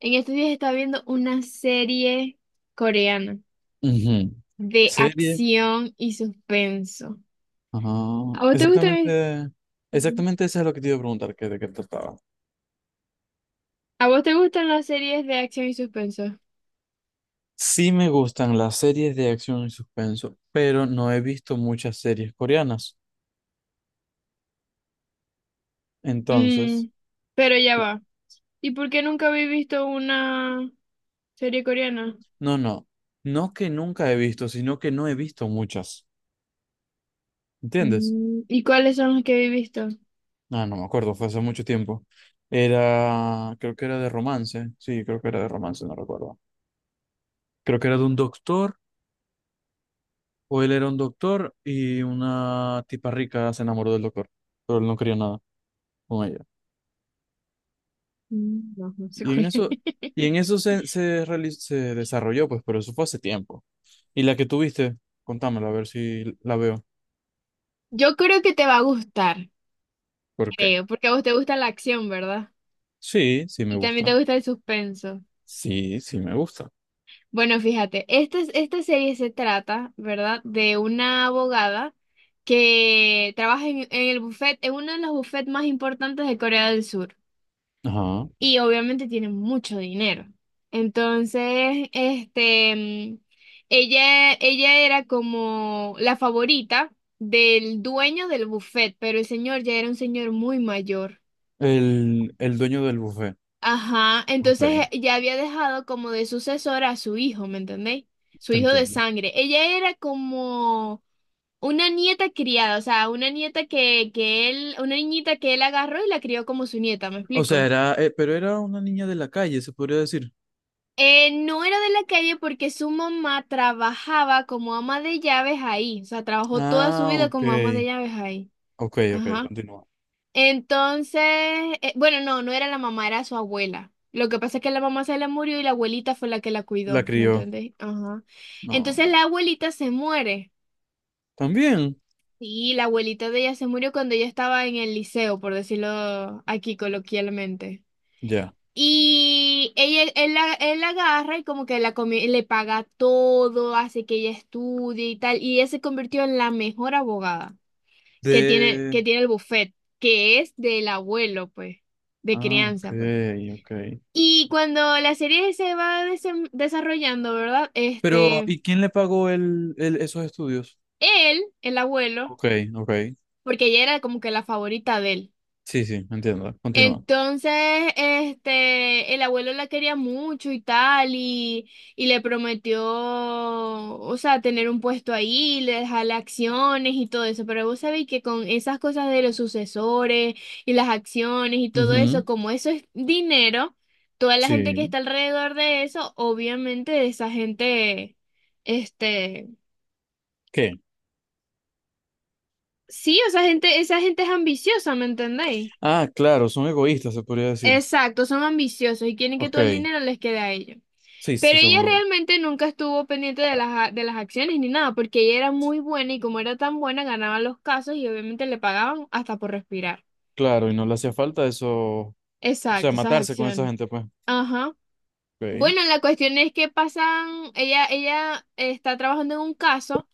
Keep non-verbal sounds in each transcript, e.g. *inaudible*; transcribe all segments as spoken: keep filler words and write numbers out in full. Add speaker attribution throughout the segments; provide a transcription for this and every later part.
Speaker 1: En estos días estaba viendo una serie coreana
Speaker 2: Ujú.
Speaker 1: de
Speaker 2: Serie.
Speaker 1: acción y suspenso.
Speaker 2: Ah,
Speaker 1: ¿A vos te gustan, es-
Speaker 2: exactamente,
Speaker 1: Ujú.
Speaker 2: exactamente eso es lo que te iba a preguntar, que de qué trataba.
Speaker 1: ¿A vos te gustan las series de acción y suspenso?
Speaker 2: Sí me gustan las series de acción y suspenso, pero no he visto muchas series coreanas. Entonces,
Speaker 1: Mm, pero ya va. ¿Y por qué nunca habéis visto una serie coreana?
Speaker 2: no, no, no que nunca he visto, sino que no he visto muchas. ¿Entiendes?
Speaker 1: Mm, ¿y cuáles son las que habéis visto?
Speaker 2: Ah, no me acuerdo, fue hace mucho tiempo. Era, creo que era de romance, sí, creo que era de romance, no recuerdo. Creo que era de un doctor. O él era un doctor y una tipa rica se enamoró del doctor, pero él no quería nada con ella.
Speaker 1: Mm, no, no sé
Speaker 2: Y en
Speaker 1: cuál es.
Speaker 2: eso, y
Speaker 1: *laughs*
Speaker 2: en eso se, se, reali- se desarrolló, pues, pero eso fue hace tiempo. Y la que tuviste, contámela a ver si la veo.
Speaker 1: Yo creo que te va a gustar,
Speaker 2: ¿Por qué?
Speaker 1: creo, porque a vos te gusta la acción, ¿verdad?
Speaker 2: Sí, sí me
Speaker 1: Y también te
Speaker 2: gusta.
Speaker 1: gusta el suspenso.
Speaker 2: Sí, sí me gusta.
Speaker 1: Bueno, fíjate, esta, esta serie se trata, ¿verdad?, de una abogada que trabaja en, en el buffet, en uno de los bufetes más importantes de Corea del Sur.
Speaker 2: Ajá.
Speaker 1: Y obviamente tiene mucho dinero. Entonces, este, mm, ella, ella era como la favorita del dueño del buffet, pero el señor ya era un señor muy mayor.
Speaker 2: El, el dueño del buffet.
Speaker 1: Ajá, entonces
Speaker 2: Ok,
Speaker 1: eh, ya había dejado como de sucesor a su hijo, ¿me entendéis? Su
Speaker 2: te
Speaker 1: hijo de
Speaker 2: entiendo.
Speaker 1: sangre. Ella era como una nieta criada, o sea, una nieta que, que él, una niñita que él agarró y la crió como su nieta, ¿me
Speaker 2: O sea,
Speaker 1: explico?
Speaker 2: era, eh, pero era una niña de la calle, se podría decir.
Speaker 1: Eh, no era de la calle porque su mamá trabajaba como ama de llaves ahí, o sea, trabajó toda su
Speaker 2: Ah,
Speaker 1: vida
Speaker 2: ok.
Speaker 1: como ama de llaves ahí.
Speaker 2: Ok, ok,
Speaker 1: Ajá.
Speaker 2: continúa.
Speaker 1: Entonces, eh, bueno, no, no era la mamá, era su abuela. Lo que pasa es que la mamá se le murió y la abuelita fue la que la
Speaker 2: La
Speaker 1: cuidó, ¿me
Speaker 2: crió.
Speaker 1: entendés? Ajá.
Speaker 2: No.
Speaker 1: Entonces la abuelita se muere.
Speaker 2: También.
Speaker 1: Y la abuelita de ella se murió cuando ella estaba en el liceo, por decirlo aquí coloquialmente.
Speaker 2: Ya.
Speaker 1: Y ella, él, la, él la agarra y como que la comi- le paga todo, hace que ella estudie y tal. Y ella se convirtió en la mejor abogada que tiene,
Speaker 2: De...
Speaker 1: que tiene el buffet, que es del abuelo, pues, de
Speaker 2: Ah, ok,
Speaker 1: crianza, pues.
Speaker 2: ok.
Speaker 1: Y cuando la serie se va desem- desarrollando, ¿verdad?
Speaker 2: Pero,
Speaker 1: Este,
Speaker 2: ¿y quién le pagó el, el- esos estudios?
Speaker 1: él, el abuelo,
Speaker 2: Ok, ok.
Speaker 1: porque ella era como que la favorita de él.
Speaker 2: Sí, sí, entiendo. Continúa.
Speaker 1: Entonces, este, el abuelo la quería mucho y tal, y, y le prometió, o sea, tener un puesto ahí, le dejarle acciones y todo eso, pero vos sabéis que con esas cosas de los sucesores y las acciones y todo eso,
Speaker 2: Ujú.
Speaker 1: como eso es dinero, toda la gente que
Speaker 2: Sí.
Speaker 1: está alrededor de eso, obviamente esa gente, este,
Speaker 2: ¿Qué?
Speaker 1: sí, o sea gente, esa gente es ambiciosa, ¿me entendéis?
Speaker 2: Ah, claro, son egoístas, se podría decir.
Speaker 1: Exacto, son ambiciosos y quieren que
Speaker 2: Ok.
Speaker 1: todo el dinero les quede a ellos.
Speaker 2: Sí,
Speaker 1: Pero
Speaker 2: sí, son
Speaker 1: ella
Speaker 2: egoístas.
Speaker 1: realmente nunca estuvo pendiente de las, a- de las acciones ni nada, porque ella era muy buena y como era tan buena ganaba los casos y obviamente le pagaban hasta por respirar.
Speaker 2: Claro, y no le hacía falta eso. O sea,
Speaker 1: Exacto, esas
Speaker 2: matarse con esa
Speaker 1: acciones.
Speaker 2: gente, pues.
Speaker 1: Ajá.
Speaker 2: Ok.
Speaker 1: Bueno, la cuestión es que pasan, ella, ella está trabajando en un caso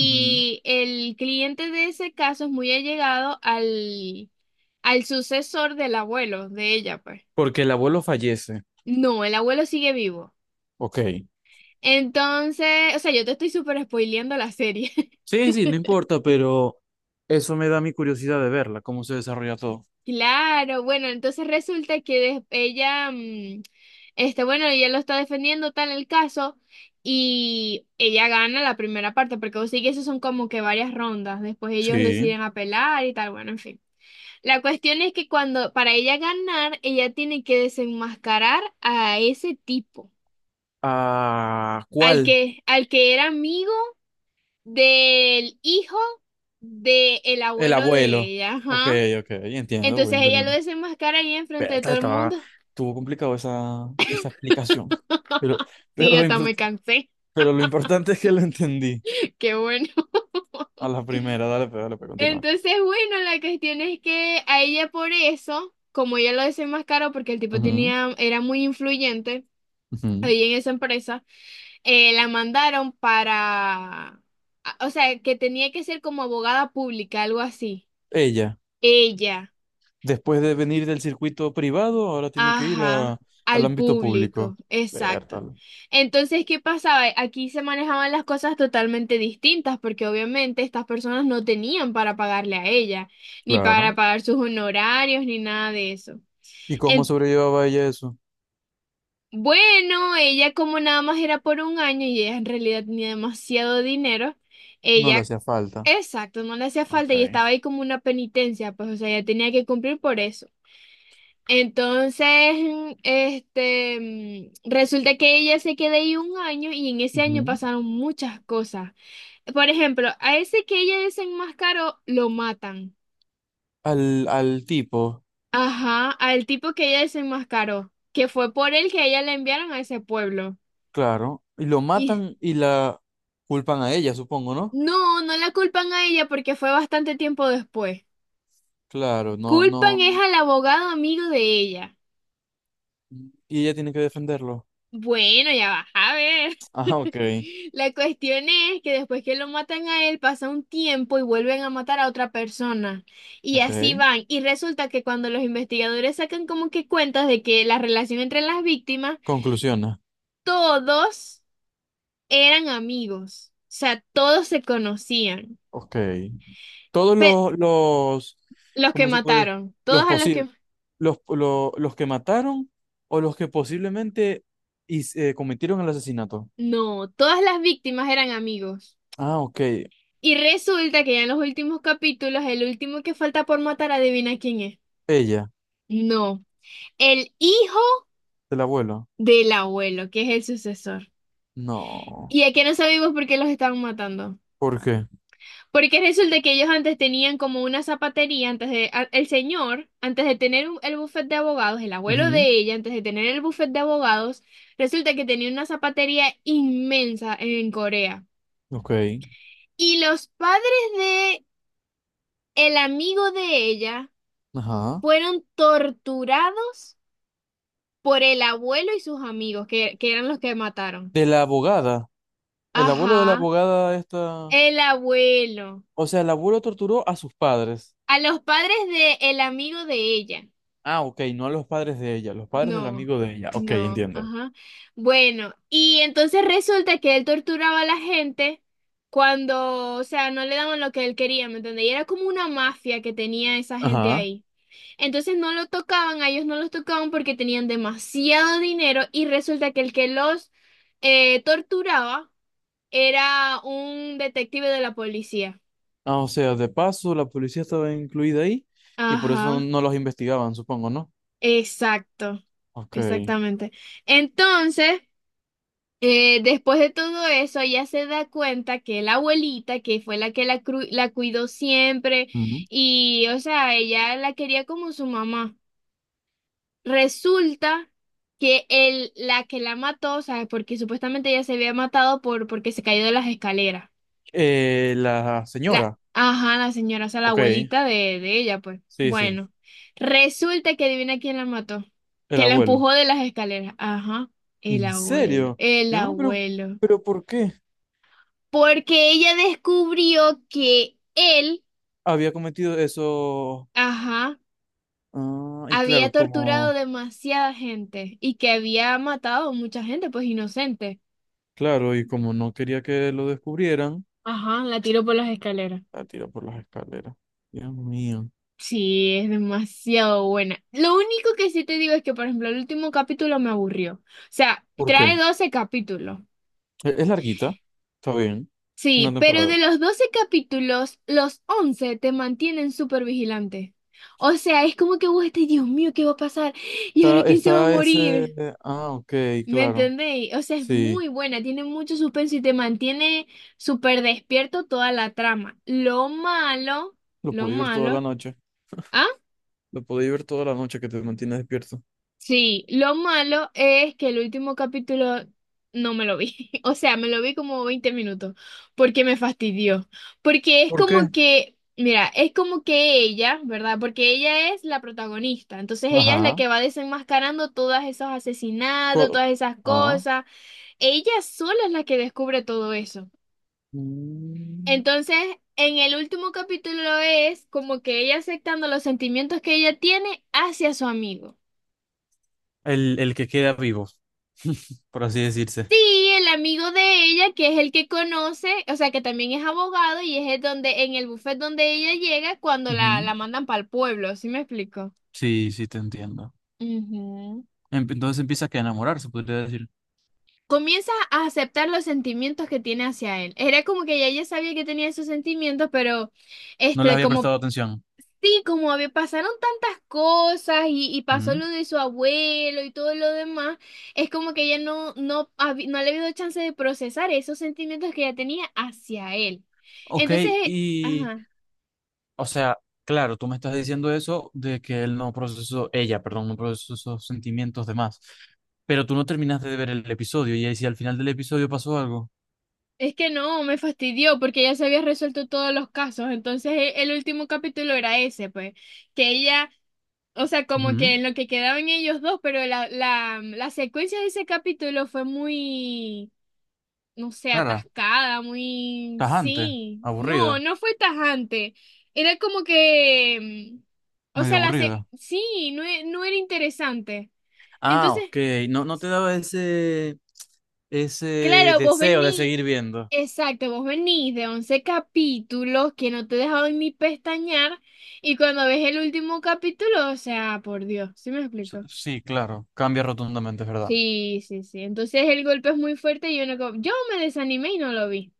Speaker 2: Ujú.
Speaker 1: el cliente de ese caso es muy allegado al, al sucesor del abuelo de ella, pues.
Speaker 2: Porque el abuelo fallece.
Speaker 1: No, el abuelo sigue vivo.
Speaker 2: Ok.
Speaker 1: Entonces, o sea, yo te estoy súper spoileando la serie. *laughs*
Speaker 2: Sí, sí, no importa, pero eso me da mi curiosidad de verla, cómo se desarrolla todo.
Speaker 1: Claro, bueno, entonces resulta que des- ella, mm, este, bueno, ella lo está defendiendo tal el caso y ella gana la primera parte, porque vos sí que eso son como que varias rondas, después ellos
Speaker 2: Sí.
Speaker 1: deciden apelar y tal, bueno, en fin. La cuestión es que cuando, para ella ganar, ella tiene que desenmascarar a ese tipo,
Speaker 2: Ah,
Speaker 1: al
Speaker 2: ¿cuál?
Speaker 1: que, al que era amigo del hijo del
Speaker 2: El
Speaker 1: abuelo de
Speaker 2: abuelo.
Speaker 1: ella,
Speaker 2: Ok,
Speaker 1: ajá.
Speaker 2: ok, entiendo, voy
Speaker 1: Entonces ella lo
Speaker 2: entendiendo.
Speaker 1: desenmascara ahí enfrente de
Speaker 2: Berta,
Speaker 1: todo el
Speaker 2: estaba,
Speaker 1: mundo.
Speaker 2: estuvo complicado esa, esa explicación. Pero,
Speaker 1: Sí,
Speaker 2: pero, lo,
Speaker 1: hasta
Speaker 2: impor-
Speaker 1: me cansé.
Speaker 2: pero lo importante es que lo entendí
Speaker 1: *laughs* Qué bueno.
Speaker 2: a la primera. Dale, pues, dale, pues, continúa.
Speaker 1: Entonces, bueno, la cuestión es que a ella por eso, como ella lo desenmascaró porque el tipo
Speaker 2: Ujú,
Speaker 1: tenía, era muy influyente
Speaker 2: ujú.
Speaker 1: ahí en esa empresa, eh, la mandaron para, a- o sea, que tenía que ser como abogada pública, algo así.
Speaker 2: Ella,
Speaker 1: Ella.
Speaker 2: después de venir del circuito privado, ahora tiene que ir
Speaker 1: Ajá,
Speaker 2: a- al
Speaker 1: al
Speaker 2: ámbito
Speaker 1: público,
Speaker 2: público.
Speaker 1: exacto.
Speaker 2: Berta.
Speaker 1: Entonces, ¿qué pasaba? Aquí se manejaban las cosas totalmente distintas porque obviamente estas personas no tenían para pagarle a ella, ni para
Speaker 2: Claro.
Speaker 1: pagar sus honorarios, ni nada de eso.
Speaker 2: ¿Y cómo
Speaker 1: En-
Speaker 2: sobrellevaba ella eso?
Speaker 1: bueno, ella como nada más era por un año y ella en realidad tenía demasiado dinero,
Speaker 2: No le
Speaker 1: ella,
Speaker 2: hacía falta.
Speaker 1: exacto, no le hacía
Speaker 2: Ok.
Speaker 1: falta y estaba ahí como una penitencia, pues o sea, ella tenía que cumplir por eso. Entonces, mm, este, mm, resulta que ella se quedó ahí un año y en ese año
Speaker 2: Ujú.
Speaker 1: pasaron muchas cosas. Por ejemplo, a ese que ella desenmascaró, lo matan.
Speaker 2: Al, al tipo.
Speaker 1: Ajá, al tipo que ella desenmascaró, que fue por él que a ella la enviaron a ese pueblo.
Speaker 2: Claro, y lo
Speaker 1: Y
Speaker 2: matan y la culpan a ella, supongo, ¿no?
Speaker 1: no, no la culpan a ella porque fue bastante tiempo después.
Speaker 2: Claro, no,
Speaker 1: Culpan
Speaker 2: no.
Speaker 1: es al abogado amigo de ella.
Speaker 2: Y ella tiene que defenderlo. *laughs*
Speaker 1: Bueno, ya va a ver.
Speaker 2: Ah, ok,
Speaker 1: La cuestión es que después que lo matan a él, pasa un tiempo y vuelven a matar a otra persona. Y
Speaker 2: ok.
Speaker 1: así van. Y resulta que cuando los investigadores sacan como que cuentas de que la relación entre las víctimas,
Speaker 2: Conclusiona.
Speaker 1: todos eran amigos. O sea, todos se conocían.
Speaker 2: Ok. Todos
Speaker 1: Pe-
Speaker 2: los, los,
Speaker 1: los que
Speaker 2: ¿cómo se puede?
Speaker 1: mataron,
Speaker 2: Los
Speaker 1: todos a los
Speaker 2: posibles,
Speaker 1: que...
Speaker 2: los, lo- los que mataron o los que posiblemente his- eh, cometieron el asesinato.
Speaker 1: No, todas las víctimas eran amigos.
Speaker 2: Ah, ok.
Speaker 1: Y resulta que ya en los últimos capítulos, el último que falta por matar, adivina quién es.
Speaker 2: Ella,
Speaker 1: No. El hijo
Speaker 2: del abuelo.
Speaker 1: del abuelo, que es el sucesor.
Speaker 2: No.
Speaker 1: Y es que no sabemos por qué los estaban matando.
Speaker 2: ¿Por qué?
Speaker 1: Porque resulta que ellos antes tenían como una zapatería, antes de, a- el señor, antes de tener un- el bufete de abogados, el abuelo
Speaker 2: Ujú.
Speaker 1: de ella, antes de tener el bufete de abogados, resulta que tenía una zapatería inmensa en Corea.
Speaker 2: Ok.
Speaker 1: Y los padres de el amigo de ella
Speaker 2: Ajá.
Speaker 1: fueron torturados por el abuelo y sus amigos, que, que eran los que mataron.
Speaker 2: De la abogada. El abuelo de la
Speaker 1: Ajá,
Speaker 2: abogada esta...
Speaker 1: el abuelo.
Speaker 2: O sea, el abuelo torturó a sus padres.
Speaker 1: A los padres de el amigo de ella.
Speaker 2: Ah, ok, no a los padres de ella, los padres del
Speaker 1: No,
Speaker 2: amigo de ella. Ok,
Speaker 1: no,
Speaker 2: entiendo.
Speaker 1: ajá. Bueno, y entonces resulta que él torturaba a la gente cuando, o sea, no le daban lo que él quería, ¿me entiendes? Y era como una mafia que tenía esa gente
Speaker 2: Ajá.
Speaker 1: ahí. Entonces no lo tocaban, a ellos no los tocaban porque tenían demasiado dinero y resulta que el que los eh, torturaba era un detective de la policía.
Speaker 2: Ah, o sea, de paso, la policía estaba incluida ahí y por eso
Speaker 1: Ajá.
Speaker 2: no los investigaban, supongo, ¿no?
Speaker 1: Exacto,
Speaker 2: Ok.
Speaker 1: exactamente. Entonces, eh, después de todo eso, ella se da cuenta que la abuelita, que fue la que la, cru- la cuidó siempre,
Speaker 2: Ujú.
Speaker 1: y, o sea, ella la quería como su mamá. Resulta que el, la que la mató, o sea, porque supuestamente ella se había matado por, porque se cayó de las escaleras.
Speaker 2: Eh, la
Speaker 1: La,
Speaker 2: señora.
Speaker 1: ajá, la señora, o sea, la
Speaker 2: Ok,
Speaker 1: abuelita de, de ella, pues.
Speaker 2: sí, sí,
Speaker 1: Bueno, resulta que adivina quién la mató,
Speaker 2: el
Speaker 1: que la
Speaker 2: abuelo.
Speaker 1: empujó de las escaleras. Ajá, el
Speaker 2: ¿En
Speaker 1: abuelo,
Speaker 2: serio?
Speaker 1: el
Speaker 2: Mi mamá, pero,
Speaker 1: abuelo.
Speaker 2: pero ¿por qué
Speaker 1: Porque ella descubrió que él,
Speaker 2: había cometido eso?
Speaker 1: ajá,
Speaker 2: Ah, y
Speaker 1: había
Speaker 2: claro,
Speaker 1: torturado
Speaker 2: como,
Speaker 1: demasiada gente y que había matado mucha gente, pues inocente.
Speaker 2: claro, y como no quería que lo descubrieran.
Speaker 1: Ajá, la tiró por las escaleras.
Speaker 2: La tiro por las escaleras. Dios mío.
Speaker 1: Sí, es demasiado buena. Lo único que sí te digo es que, por ejemplo, el último capítulo me aburrió. O sea,
Speaker 2: ¿Por qué?
Speaker 1: trae doce capítulos.
Speaker 2: E- Es, larguita. Está bien. Una
Speaker 1: Sí, pero
Speaker 2: temporada.
Speaker 1: de los doce capítulos, los once te mantienen súper vigilante. O sea, es como que vos estás, Dios mío, ¿qué va a pasar? ¿Y ahora
Speaker 2: Está,
Speaker 1: quién se va a
Speaker 2: está ese.
Speaker 1: morir?
Speaker 2: Ah, ok,
Speaker 1: ¿Me
Speaker 2: claro.
Speaker 1: entendéis? O sea, es
Speaker 2: Sí.
Speaker 1: muy buena, tiene mucho suspenso y te mantiene súper despierto toda la trama. Lo malo,
Speaker 2: Lo
Speaker 1: lo
Speaker 2: puedo ver toda la
Speaker 1: malo.
Speaker 2: noche. Lo puedo ver toda la noche que te mantiene despierto.
Speaker 1: Sí, lo malo es que el último capítulo no me lo vi. *laughs* O sea, me lo vi como veinte minutos porque me fastidió. Porque es
Speaker 2: ¿Por qué?
Speaker 1: como que, mira, es como que ella, ¿verdad? Porque ella es la protagonista. Entonces ella es la
Speaker 2: Ajá.
Speaker 1: que va desenmascarando todos esos asesinatos,
Speaker 2: Co-
Speaker 1: todas esas
Speaker 2: ah.
Speaker 1: cosas. Ella sola es la que descubre todo eso.
Speaker 2: Mm.
Speaker 1: Entonces, en el último capítulo es como que ella aceptando los sentimientos que ella tiene hacia su amigo.
Speaker 2: El, el que queda vivo, *laughs* por así decirse.
Speaker 1: Sí, el amigo de ella, que es el que conoce, o sea, que también es abogado y es el donde, en el buffet donde ella llega cuando la,
Speaker 2: Ujú.
Speaker 1: la mandan para el pueblo, ¿sí me explico?
Speaker 2: Sí, sí, te entiendo.
Speaker 1: Ujú.
Speaker 2: Em- Entonces empieza que a enamorar, se podría decir.
Speaker 1: Comienza a aceptar los sentimientos que tiene hacia él. Era como que ya ella sabía que tenía esos sentimientos, pero
Speaker 2: No les
Speaker 1: este,
Speaker 2: había
Speaker 1: como
Speaker 2: prestado atención.
Speaker 1: Sí, como había, pasaron tantas cosas y, y pasó
Speaker 2: Ujú.
Speaker 1: lo de su abuelo y todo lo demás, es como que ella no, no, habi- no le había dado chance de procesar esos sentimientos que ella tenía hacia él.
Speaker 2: Ok,
Speaker 1: Entonces, eh,
Speaker 2: y
Speaker 1: ajá,
Speaker 2: o sea, claro, tú me estás diciendo eso de que él no procesó, ella, perdón, no procesó esos sentimientos de más. Pero tú no terminaste de ver el episodio y ahí si al final del episodio pasó algo.
Speaker 1: es que no, me fastidió porque ya se había resuelto todos los casos. Entonces, e- el último capítulo era ese, pues, que ella, o sea, como que
Speaker 2: Ujú.
Speaker 1: en lo que quedaban ellos dos, pero la, la, la secuencia de ese capítulo fue muy... no sé,
Speaker 2: Clara,
Speaker 1: atascada, muy...
Speaker 2: tajante,
Speaker 1: Sí, no,
Speaker 2: aburrida,
Speaker 1: no fue tajante. Era como que... mm, O
Speaker 2: medio
Speaker 1: sea, la se-
Speaker 2: aburrida.
Speaker 1: sí, no, e- no era interesante.
Speaker 2: Ah,
Speaker 1: Entonces,
Speaker 2: ok, no, no te daba ese, ese
Speaker 1: claro, vos
Speaker 2: deseo de
Speaker 1: venís...
Speaker 2: seguir viendo.
Speaker 1: Exacto, vos venís de once capítulos que no te dejaban ni pestañear y cuando ves el último capítulo, o sea, por Dios, ¿sí me
Speaker 2: S-
Speaker 1: explico?
Speaker 2: Sí, claro, cambia rotundamente, es verdad.
Speaker 1: Sí, sí, sí. Entonces el golpe es muy fuerte y yo no... co- Yo me desanimé y no lo vi.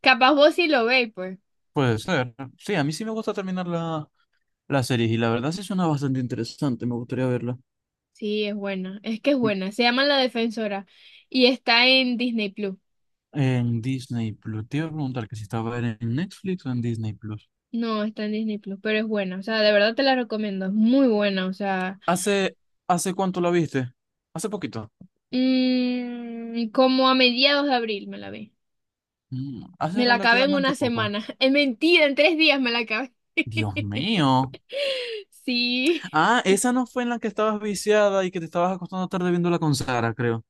Speaker 1: Capaz vos sí lo veis, pues.
Speaker 2: Puede ser. Sí, a mí sí me gusta terminar la, la serie y la verdad sí suena bastante interesante, me gustaría verla.
Speaker 1: Sí, es buena. Es que es buena. Se llama La Defensora y está en Disney Plus.
Speaker 2: En Disney Plus. Te iba a preguntar que si estaba en Netflix o en Disney Plus.
Speaker 1: No, está en Disney Plus, pero es buena. O sea, de verdad te la recomiendo. Es muy buena. O sea,
Speaker 2: ¿Hace, hace cuánto la viste? Hace poquito.
Speaker 1: mm, como a mediados de abril me la vi.
Speaker 2: Mm, hace
Speaker 1: Me la acabé en
Speaker 2: relativamente
Speaker 1: una
Speaker 2: poco.
Speaker 1: semana. *laughs* Es mentira, en tres días me la acabé.
Speaker 2: Dios
Speaker 1: *laughs*
Speaker 2: mío.
Speaker 1: Sí.
Speaker 2: Ah, esa no fue en la que estabas viciada y que te estabas acostando tarde viéndola con Sara, creo.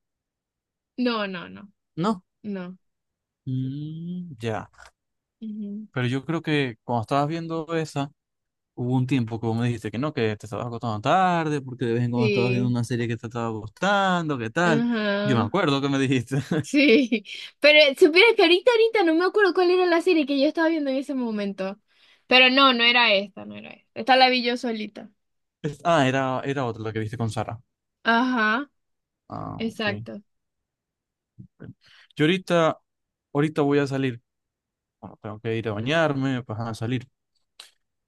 Speaker 1: No, no, no.
Speaker 2: No.
Speaker 1: No.
Speaker 2: Mm, ya.
Speaker 1: Ujú.
Speaker 2: Pero yo creo que cuando estabas viendo esa, hubo un tiempo que vos me dijiste que no, que te estabas acostando tarde, porque de vez en cuando estabas viendo
Speaker 1: Sí.
Speaker 2: una serie que te estaba gustando, qué tal. Yo me
Speaker 1: Ajá.
Speaker 2: acuerdo que me dijiste. *laughs*
Speaker 1: Sí, pero supieras que ahorita, ahorita no me acuerdo cuál era la serie que yo estaba viendo en ese momento. Pero no, no era esta, no era esta. Esta la vi yo solita.
Speaker 2: Es- Ah, era, era otra la que viste con Sara.
Speaker 1: Ajá,
Speaker 2: Ah, ok.
Speaker 1: exacto.
Speaker 2: Ok. Yo ahorita, ahorita voy a salir. Bueno, tengo que ir a bañarme, pues a salir.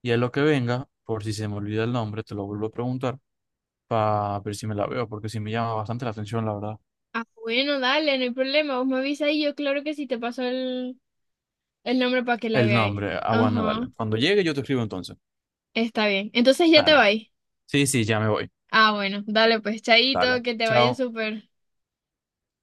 Speaker 2: Y a lo que venga, por si se me olvida el nombre, te lo vuelvo a preguntar para ver si me la veo, porque sí me llama bastante la atención, la verdad.
Speaker 1: Ah, bueno, dale, no hay problema. Vos me avisas y yo claro que sí te paso el, el nombre para que la
Speaker 2: El
Speaker 1: veáis.
Speaker 2: nombre. Ah, bueno, dale.
Speaker 1: Ajá,
Speaker 2: Cuando llegue yo te escribo entonces.
Speaker 1: está bien. Entonces ya te
Speaker 2: Dale,
Speaker 1: vais.
Speaker 2: sí, sí, ya me voy.
Speaker 1: Ah, bueno, dale pues,
Speaker 2: Dale.
Speaker 1: chaito, que te vaya
Speaker 2: Chao.
Speaker 1: súper.